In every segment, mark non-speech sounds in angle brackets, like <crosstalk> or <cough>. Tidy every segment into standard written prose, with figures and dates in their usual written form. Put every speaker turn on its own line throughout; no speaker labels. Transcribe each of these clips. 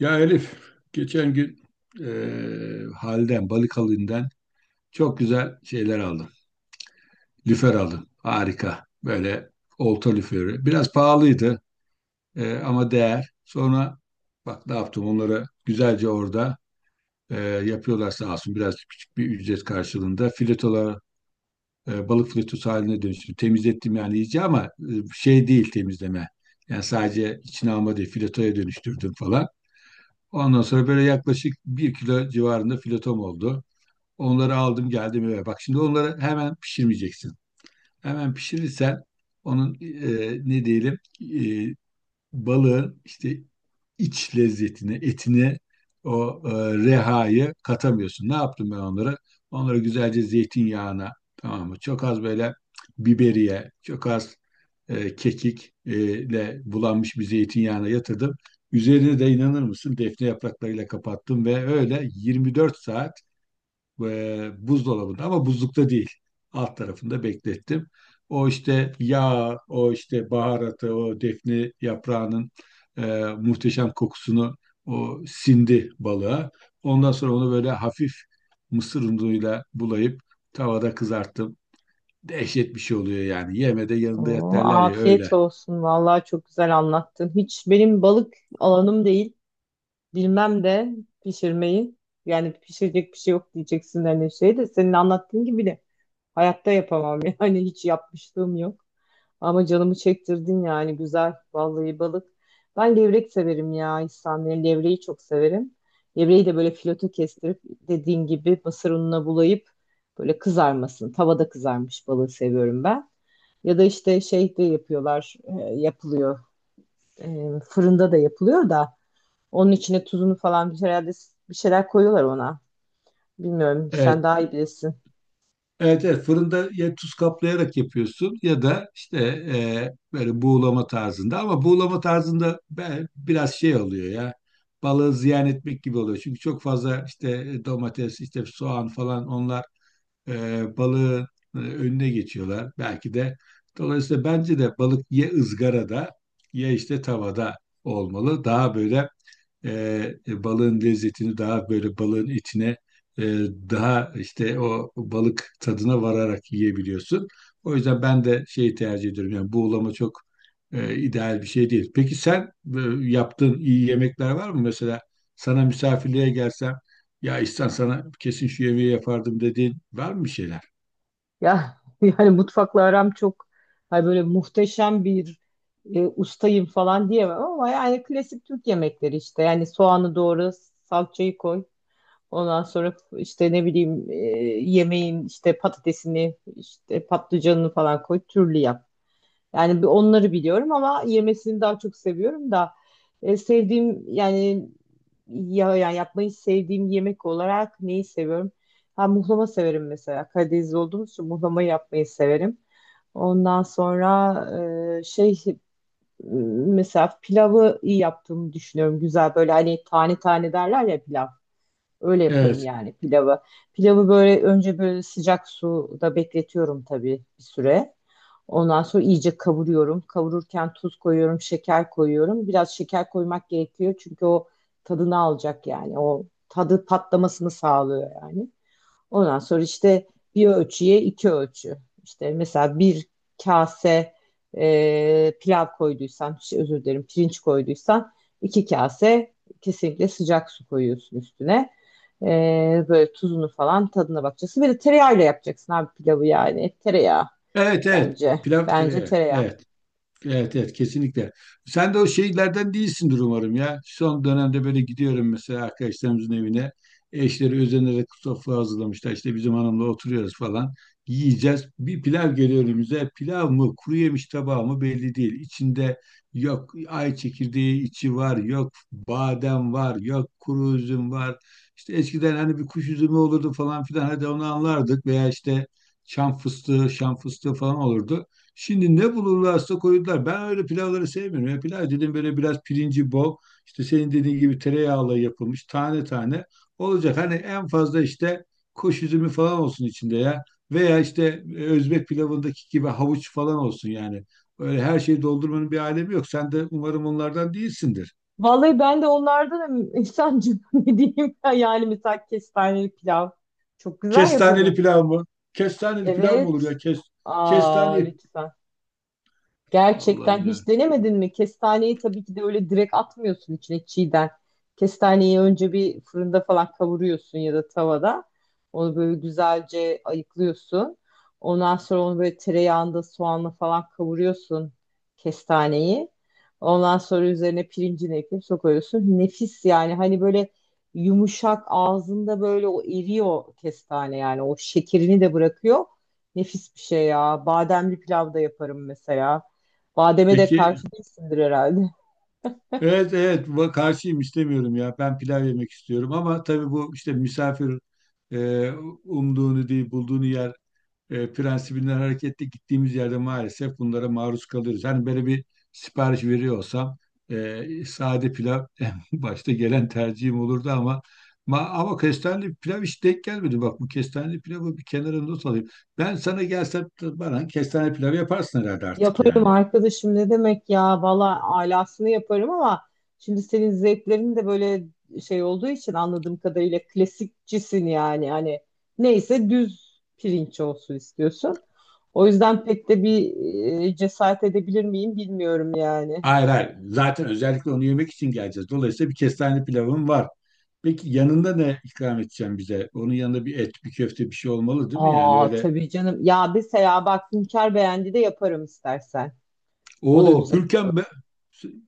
Ya Elif, geçen gün Halden, Balıkalı'ndan çok güzel şeyler aldım. Lüfer aldım. Harika. Böyle olta lüferi. Biraz pahalıydı, ama değer. Sonra bak ne yaptım onları güzelce orada eee, yapıyorlar sağ olsun. Biraz küçük bir ücret karşılığında filetolar balık filetosu haline dönüştüm. Temizlettim yani iyice ama şey değil temizleme. Yani sadece içine alma değil filetoya dönüştürdüm falan. Ondan sonra böyle yaklaşık bir kilo civarında filetom oldu. Onları aldım geldim eve. Bak şimdi onları hemen pişirmeyeceksin. Hemen pişirirsen onun ne diyelim e, balığın işte iç lezzetini, etini, o rehayı katamıyorsun. Ne yaptım ben onlara? Onlara güzelce zeytinyağına, tamam mı? Çok az böyle biberiye, çok az kekik ile bulanmış bir zeytinyağına yatırdım. Üzerine de inanır mısın defne yapraklarıyla kapattım ve öyle 24 saat buzdolabında ama buzlukta değil. Alt tarafında beklettim. O işte yağ, o işte baharatı, o defne yaprağının e, muhteşem kokusunu o sindi balığa. Ondan sonra onu böyle hafif mısır unuyla bulayıp tavada kızarttım. Dehşet bir şey oluyor yani. Yeme de yanında yat
Oo,
derler ya, öyle.
afiyet olsun. Vallahi çok güzel anlattın. Hiç benim balık alanım değil. Bilmem de pişirmeyi. Yani pişirecek bir şey yok diyeceksin hani şey de senin anlattığın gibi de hayatta yapamam. <laughs> Yani hiç yapmışlığım yok. Ama canımı çektirdin yani güzel. Vallahi balık. Ben levrek severim ya İhsan. Yani levreyi çok severim. Levreyi de böyle fileto kestirip dediğin gibi mısır ununa bulayıp böyle kızarmasın. Tavada kızarmış balığı seviyorum ben. Ya da işte şeyde yapıyorlar, yapılıyor. Fırında da yapılıyor da onun içine tuzunu falan bir herhalde bir şeyler koyuyorlar ona. Bilmiyorum, sen
Evet.
daha iyi bilirsin.
Evet, evet, fırında ya tuz kaplayarak yapıyorsun ya da işte böyle buğulama tarzında, ama buğulama tarzında biraz şey oluyor ya, balığı ziyan etmek gibi oluyor. Çünkü çok fazla işte domates işte soğan falan, onlar balığın önüne geçiyorlar. Belki de dolayısıyla bence de balık ya ızgarada ya işte tavada olmalı. Daha böyle e, balığın lezzetini daha böyle balığın içine e, daha işte o balık tadına vararak yiyebiliyorsun. O yüzden ben de şeyi tercih ediyorum. Yani buğulama çok ideal bir şey değil. Peki sen e, yaptığın iyi yemekler var mı? Mesela sana misafirliğe gelsem, ya İhsan, sana kesin şu yemeği yapardım dediğin var mı, bir şeyler?
Ya <laughs> yani mutfakla aram çok hani böyle muhteşem bir ustayım falan diyemem ama yani klasik Türk yemekleri işte. Yani soğanı doğra, salçayı koy. Ondan sonra işte ne bileyim yemeğin işte patatesini, işte patlıcanını falan koy, türlü yap. Yani bir onları biliyorum ama yemesini daha çok seviyorum da sevdiğim yani ya yani yapmayı sevdiğim yemek olarak neyi seviyorum? Ha muhlama severim mesela. Karadenizli olduğumuz için muhlama yapmayı severim. Ondan sonra şey mesela pilavı iyi yaptığımı düşünüyorum. Güzel böyle hani tane tane derler ya pilav. Öyle yaparım
Evet.
yani pilavı. Pilavı böyle önce böyle sıcak suda bekletiyorum tabii bir süre. Ondan sonra iyice kavuruyorum. Kavururken tuz koyuyorum, şeker koyuyorum. Biraz şeker koymak gerekiyor çünkü o tadını alacak yani. O tadı patlamasını sağlıyor yani. Ondan sonra işte bir ölçüye iki ölçü. İşte mesela bir kase pilav koyduysan, şey, özür dilerim pirinç koyduysan iki kase kesinlikle sıcak su koyuyorsun üstüne. E, Böyle tuzunu falan tadına bakacaksın. Bir de tereyağıyla yapacaksın abi pilavı yani. Tereyağı
Evet, evet.
bence.
Pilav
Bence
tereyağı.
tereyağı.
Evet. Evet, evet, kesinlikle. Sen de o şeylerden değilsindir umarım ya. Son dönemde böyle gidiyorum mesela arkadaşlarımızın evine. Eşleri özenerek sofra hazırlamışlar. İşte bizim hanımla oturuyoruz falan. Yiyeceğiz. Bir pilav geliyor önümüze. Pilav mı, kuru yemiş tabağı mı belli değil. İçinde yok ay çekirdeği içi var. Yok badem var. Yok kuru üzüm var. İşte eskiden hani bir kuş üzümü olurdu falan filan. Hadi onu anlardık. Veya işte çam fıstığı, şam fıstığı falan olurdu. Şimdi ne bulurlarsa koydular. Ben öyle pilavları sevmiyorum. Ya pilav dedim, böyle biraz pirinci bol. İşte senin dediğin gibi tereyağıyla yapılmış tane tane olacak. Hani en fazla işte kuş üzümü falan olsun içinde ya. Veya işte Özbek pilavındaki gibi havuç falan olsun yani. Öyle her şeyi doldurmanın bir alemi yok. Sen de umarım onlardan değilsindir.
Vallahi ben de onlardan insancım <laughs> ne diyeyim ya? Yani mesela kestaneli pilav çok güzel
Kestaneli
yaparım.
pilav mı? Kestaneli pilav mı olur
Evet.
ya?
Aa
Kestane.
lütfen. Gerçekten
Allah'ım ya.
hiç denemedin mi? Kestaneyi tabii ki de öyle direkt atmıyorsun içine çiğden. Kestaneyi önce bir fırında falan kavuruyorsun ya da tavada. Onu böyle güzelce ayıklıyorsun. Ondan sonra onu böyle tereyağında soğanla falan kavuruyorsun kestaneyi. Ondan sonra üzerine pirincini ekleyip sokuyorsun. Nefis yani hani böyle yumuşak ağzında böyle o eriyor kestane yani o şekerini de bırakıyor. Nefis bir şey ya. Bademli pilav da yaparım mesela. Bademe de
Peki,
karşı değilsindir herhalde.
evet evet, bu karşıyım, istemiyorum ya. Ben pilav yemek istiyorum, ama tabii bu işte misafir e, umduğunu değil bulduğunu yer prensibinden hareketle gittiğimiz yerde maalesef bunlara maruz kalıyoruz. Hani böyle bir sipariş veriyor olsam sade pilav <laughs> en başta gelen tercihim olurdu, ama ama kestaneli pilav hiç denk gelmedi. Bak, bu kestaneli pilavı bir kenara not alayım. Ben sana gelsem bana kestane pilavı yaparsın herhalde artık
Yaparım
yani.
arkadaşım ne demek ya valla alasını yaparım ama şimdi senin zevklerin de böyle şey olduğu için anladığım kadarıyla klasikçisin yani hani neyse düz pirinç olsun istiyorsun. O yüzden pek de bir cesaret edebilir miyim bilmiyorum yani.
Hayır, hayır. Zaten özellikle onu yemek için geleceğiz. Dolayısıyla bir kestaneli pilavım var. Peki yanında ne ikram edeceğim bize? Onun yanında bir et, bir köfte, bir şey olmalı değil mi? Yani
Aa
öyle.
tabii canım ya mesela bak Hünkar beğendi de yaparım istersen. O da
Oo,
güzel.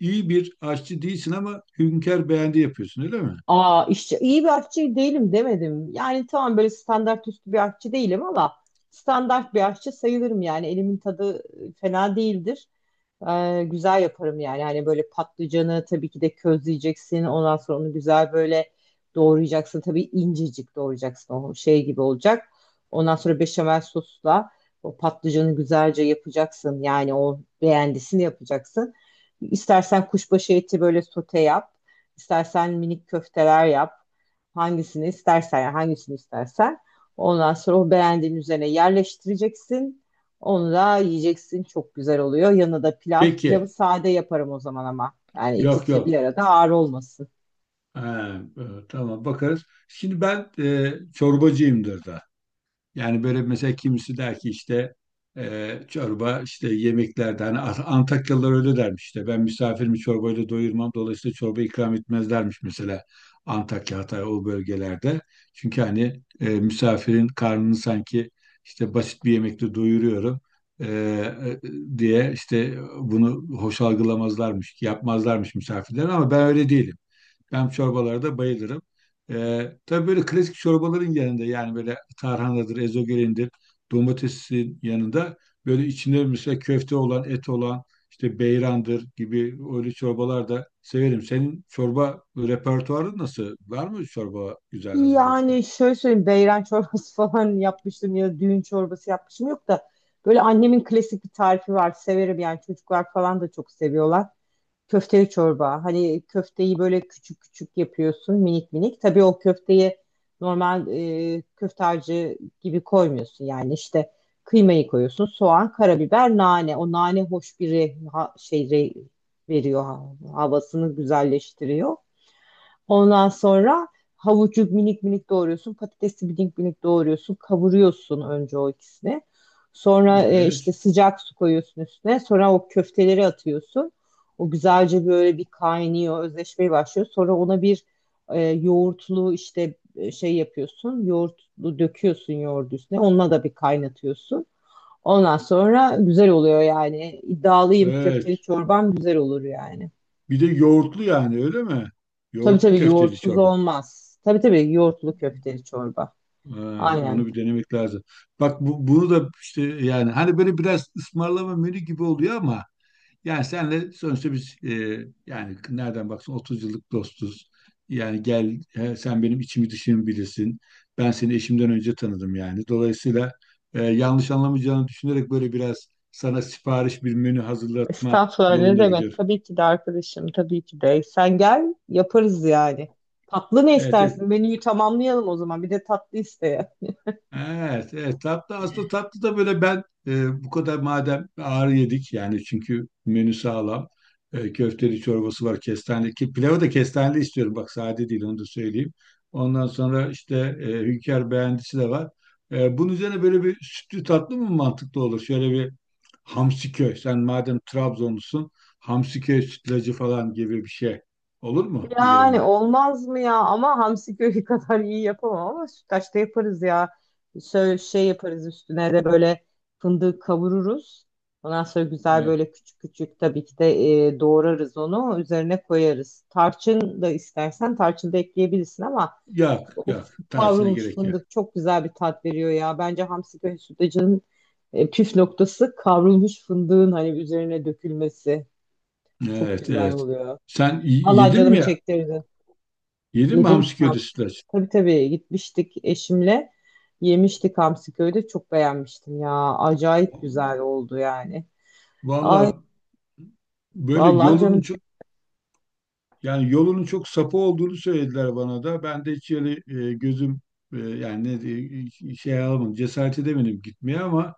iyi bir aşçı değilsin ama Hünkar beğendi yapıyorsun, öyle mi?
Aa işçi iyi bir aşçı değilim demedim. Yani tamam böyle standart üstü bir aşçı değilim ama standart bir aşçı sayılırım yani elimin tadı fena değildir. Güzel yaparım yani. Hani böyle patlıcanı tabii ki de közleyeceksin. Ondan sonra onu güzel böyle doğrayacaksın. Tabii incecik doğrayacaksın. O şey gibi olacak. Ondan sonra beşamel sosla o patlıcanı güzelce yapacaksın. Yani o beğendisini yapacaksın. İstersen kuşbaşı eti böyle sote yap. İstersen minik köfteler yap. Hangisini istersen yani hangisini istersen. Ondan sonra o beğendiğin üzerine yerleştireceksin. Onu da yiyeceksin. Çok güzel oluyor. Yanına da pilav. Pilavı
Peki.
sade yaparım o zaman ama. Yani
Yok,
ikisi bir
yok.
arada ağır olmasın.
Ha, tamam, bakarız. Şimdi ben çorbacıyımdır da. Yani böyle mesela kimisi der ki işte çorba işte yemeklerde, hani Antakyalılar öyle dermiş, işte ben misafirimi çorbayla doyurmam, dolayısıyla çorba ikram etmezlermiş mesela Antakya, Hatay, o bölgelerde. Çünkü hani misafirin karnını sanki işte basit bir yemekle doyuruyorum e, e, diye işte bunu hoş algılamazlarmış, yapmazlarmış misafirler, ama ben öyle değilim. Ben çorbalara da bayılırım. Tabii böyle klasik çorbaların yanında, yani böyle tarhanadır, ezogelindir, domatesin yanında, böyle içinde mesela köfte olan, et olan, işte beyrandır gibi, öyle çorbalar da severim. Senin çorba repertuarın nasıl? Var mı çorba güzel hazırladığın?
Yani şöyle söyleyeyim. Beyran çorbası <laughs> falan yapmıştım ya düğün çorbası yapmışım yok da. Böyle annemin klasik bir tarifi var. Severim yani çocuklar falan da çok seviyorlar. Köfteli çorba. Hani köfteyi böyle küçük küçük yapıyorsun minik minik. Tabii o köfteyi normal köfte harcı gibi koymuyorsun. Yani işte kıymayı koyuyorsun. Soğan, karabiber, nane. O nane hoş bir şey veriyor havasını güzelleştiriyor. Ondan sonra havucu minik minik doğruyorsun. Patatesi minik minik doğruyorsun. Kavuruyorsun önce o ikisini. Sonra işte
Evet,
sıcak su koyuyorsun üstüne. Sonra o köfteleri atıyorsun. O güzelce böyle bir kaynıyor, özleşmeye başlıyor. Sonra ona bir yoğurtlu işte şey yapıyorsun. Yoğurtlu döküyorsun yoğurdu üstüne. Onunla da bir kaynatıyorsun. Ondan sonra güzel oluyor yani. İddialıyım
evet.
köfteli çorbam güzel olur yani.
Bir de yoğurtlu yani, öyle mi?
Tabii
Yoğurtlu
tabii
köfteli
yoğurtsuz
çorba.
olmaz. Tabii tabii yoğurtlu köfteli çorba.
Ha,
Aynen.
onu bir denemek lazım. Bak, bunu da işte, yani hani, böyle biraz ısmarlama menü gibi oluyor ama. Yani senle sonuçta biz yani nereden baksan 30 yıllık dostuz. Yani gel he, sen benim içimi dışımı bilirsin. Ben seni eşimden önce tanıdım yani. Dolayısıyla yanlış anlamayacağını düşünerek böyle biraz sana sipariş bir menü hazırlatma
Estağfurullah ne
yolunda
demek?
gidiyor.
Tabii ki de arkadaşım, tabii ki de. Sen gel yaparız yani. Tatlı ne
Evet, evet.
istersin? Menüyü tamamlayalım o zaman. Bir de tatlı isteye.
Evet, evet, tatlı. Aslında tatlı da böyle ben bu kadar, madem ağır yedik yani, çünkü menü sağlam. Köfteli çorbası var, kestane ki pilavı da kestaneli istiyorum, bak sade değil, onu da söyleyeyim, ondan sonra işte hünkar beğendisi de var. Bunun üzerine böyle bir sütlü tatlı mı mantıklı olur, şöyle bir Hamsiköy, sen madem Trabzonlusun, Hamsiköy sütlacı falan gibi bir şey olur mu
Yani
üzerine?
olmaz mı ya? Ama hamsi köri <laughs> kadar iyi yapamam ama sütlaçta yaparız ya. Şöyle şey yaparız üstüne de böyle fındık kavururuz. Ondan sonra güzel
E,
böyle küçük küçük tabii ki de doğrarız onu. Üzerine koyarız. Tarçın da istersen tarçın da ekleyebilirsin ama
yok,
o
yok, tarçına
kavrulmuş
gerek yok.
fındık çok güzel bir tat veriyor ya. Bence hamsi köri sütlacının püf noktası kavrulmuş fındığın hani üzerine dökülmesi. Çok
Evet,
güzel
evet.
oluyor.
Sen
Allah
yedin mi
canımı
ya?
çektirdi.
Yedin mi
Yedim
hamsi köri
hamsi.
sütlaç?
Tabii tabii gitmiştik eşimle. Yemiştik hamsi köyde. Çok beğenmiştim ya. Acayip güzel oldu yani. Ay
Valla böyle
vallahi canım çek.
yolunun çok sapı olduğunu söylediler bana da. Ben de hiç öyle gözüm yani şey alamadım. Cesaret edemedim gitmeye, ama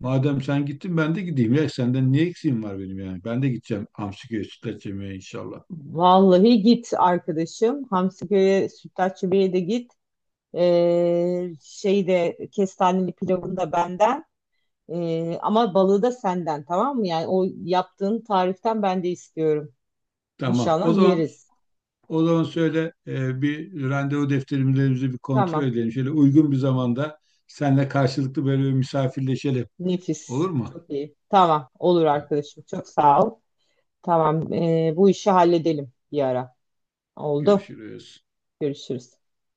madem sen gittin ben de gideyim ya. Senden niye eksiğim var benim yani? Ben de gideceğim hamsi köri sütlaç yemeye inşallah.
Vallahi git arkadaşım. Hamsi köye, Sütlaççı Bey'e de git. Şeyde kestaneli pilavını da benden. Ama balığı da senden tamam mı? Yani o yaptığın tariften ben de istiyorum.
Tamam. O
İnşallah
zaman
yeriz.
O zaman söyle, bir randevu defterimizi bir kontrol
Tamam.
edelim. Şöyle uygun bir zamanda seninle karşılıklı böyle bir misafirleşelim.
Nefis.
Olur mu?
Çok iyi. Tamam. Olur
Tamam,
arkadaşım. Çok sağ ol. Tamam, bu işi halledelim bir ara. Oldu.
görüşürüz.
Görüşürüz.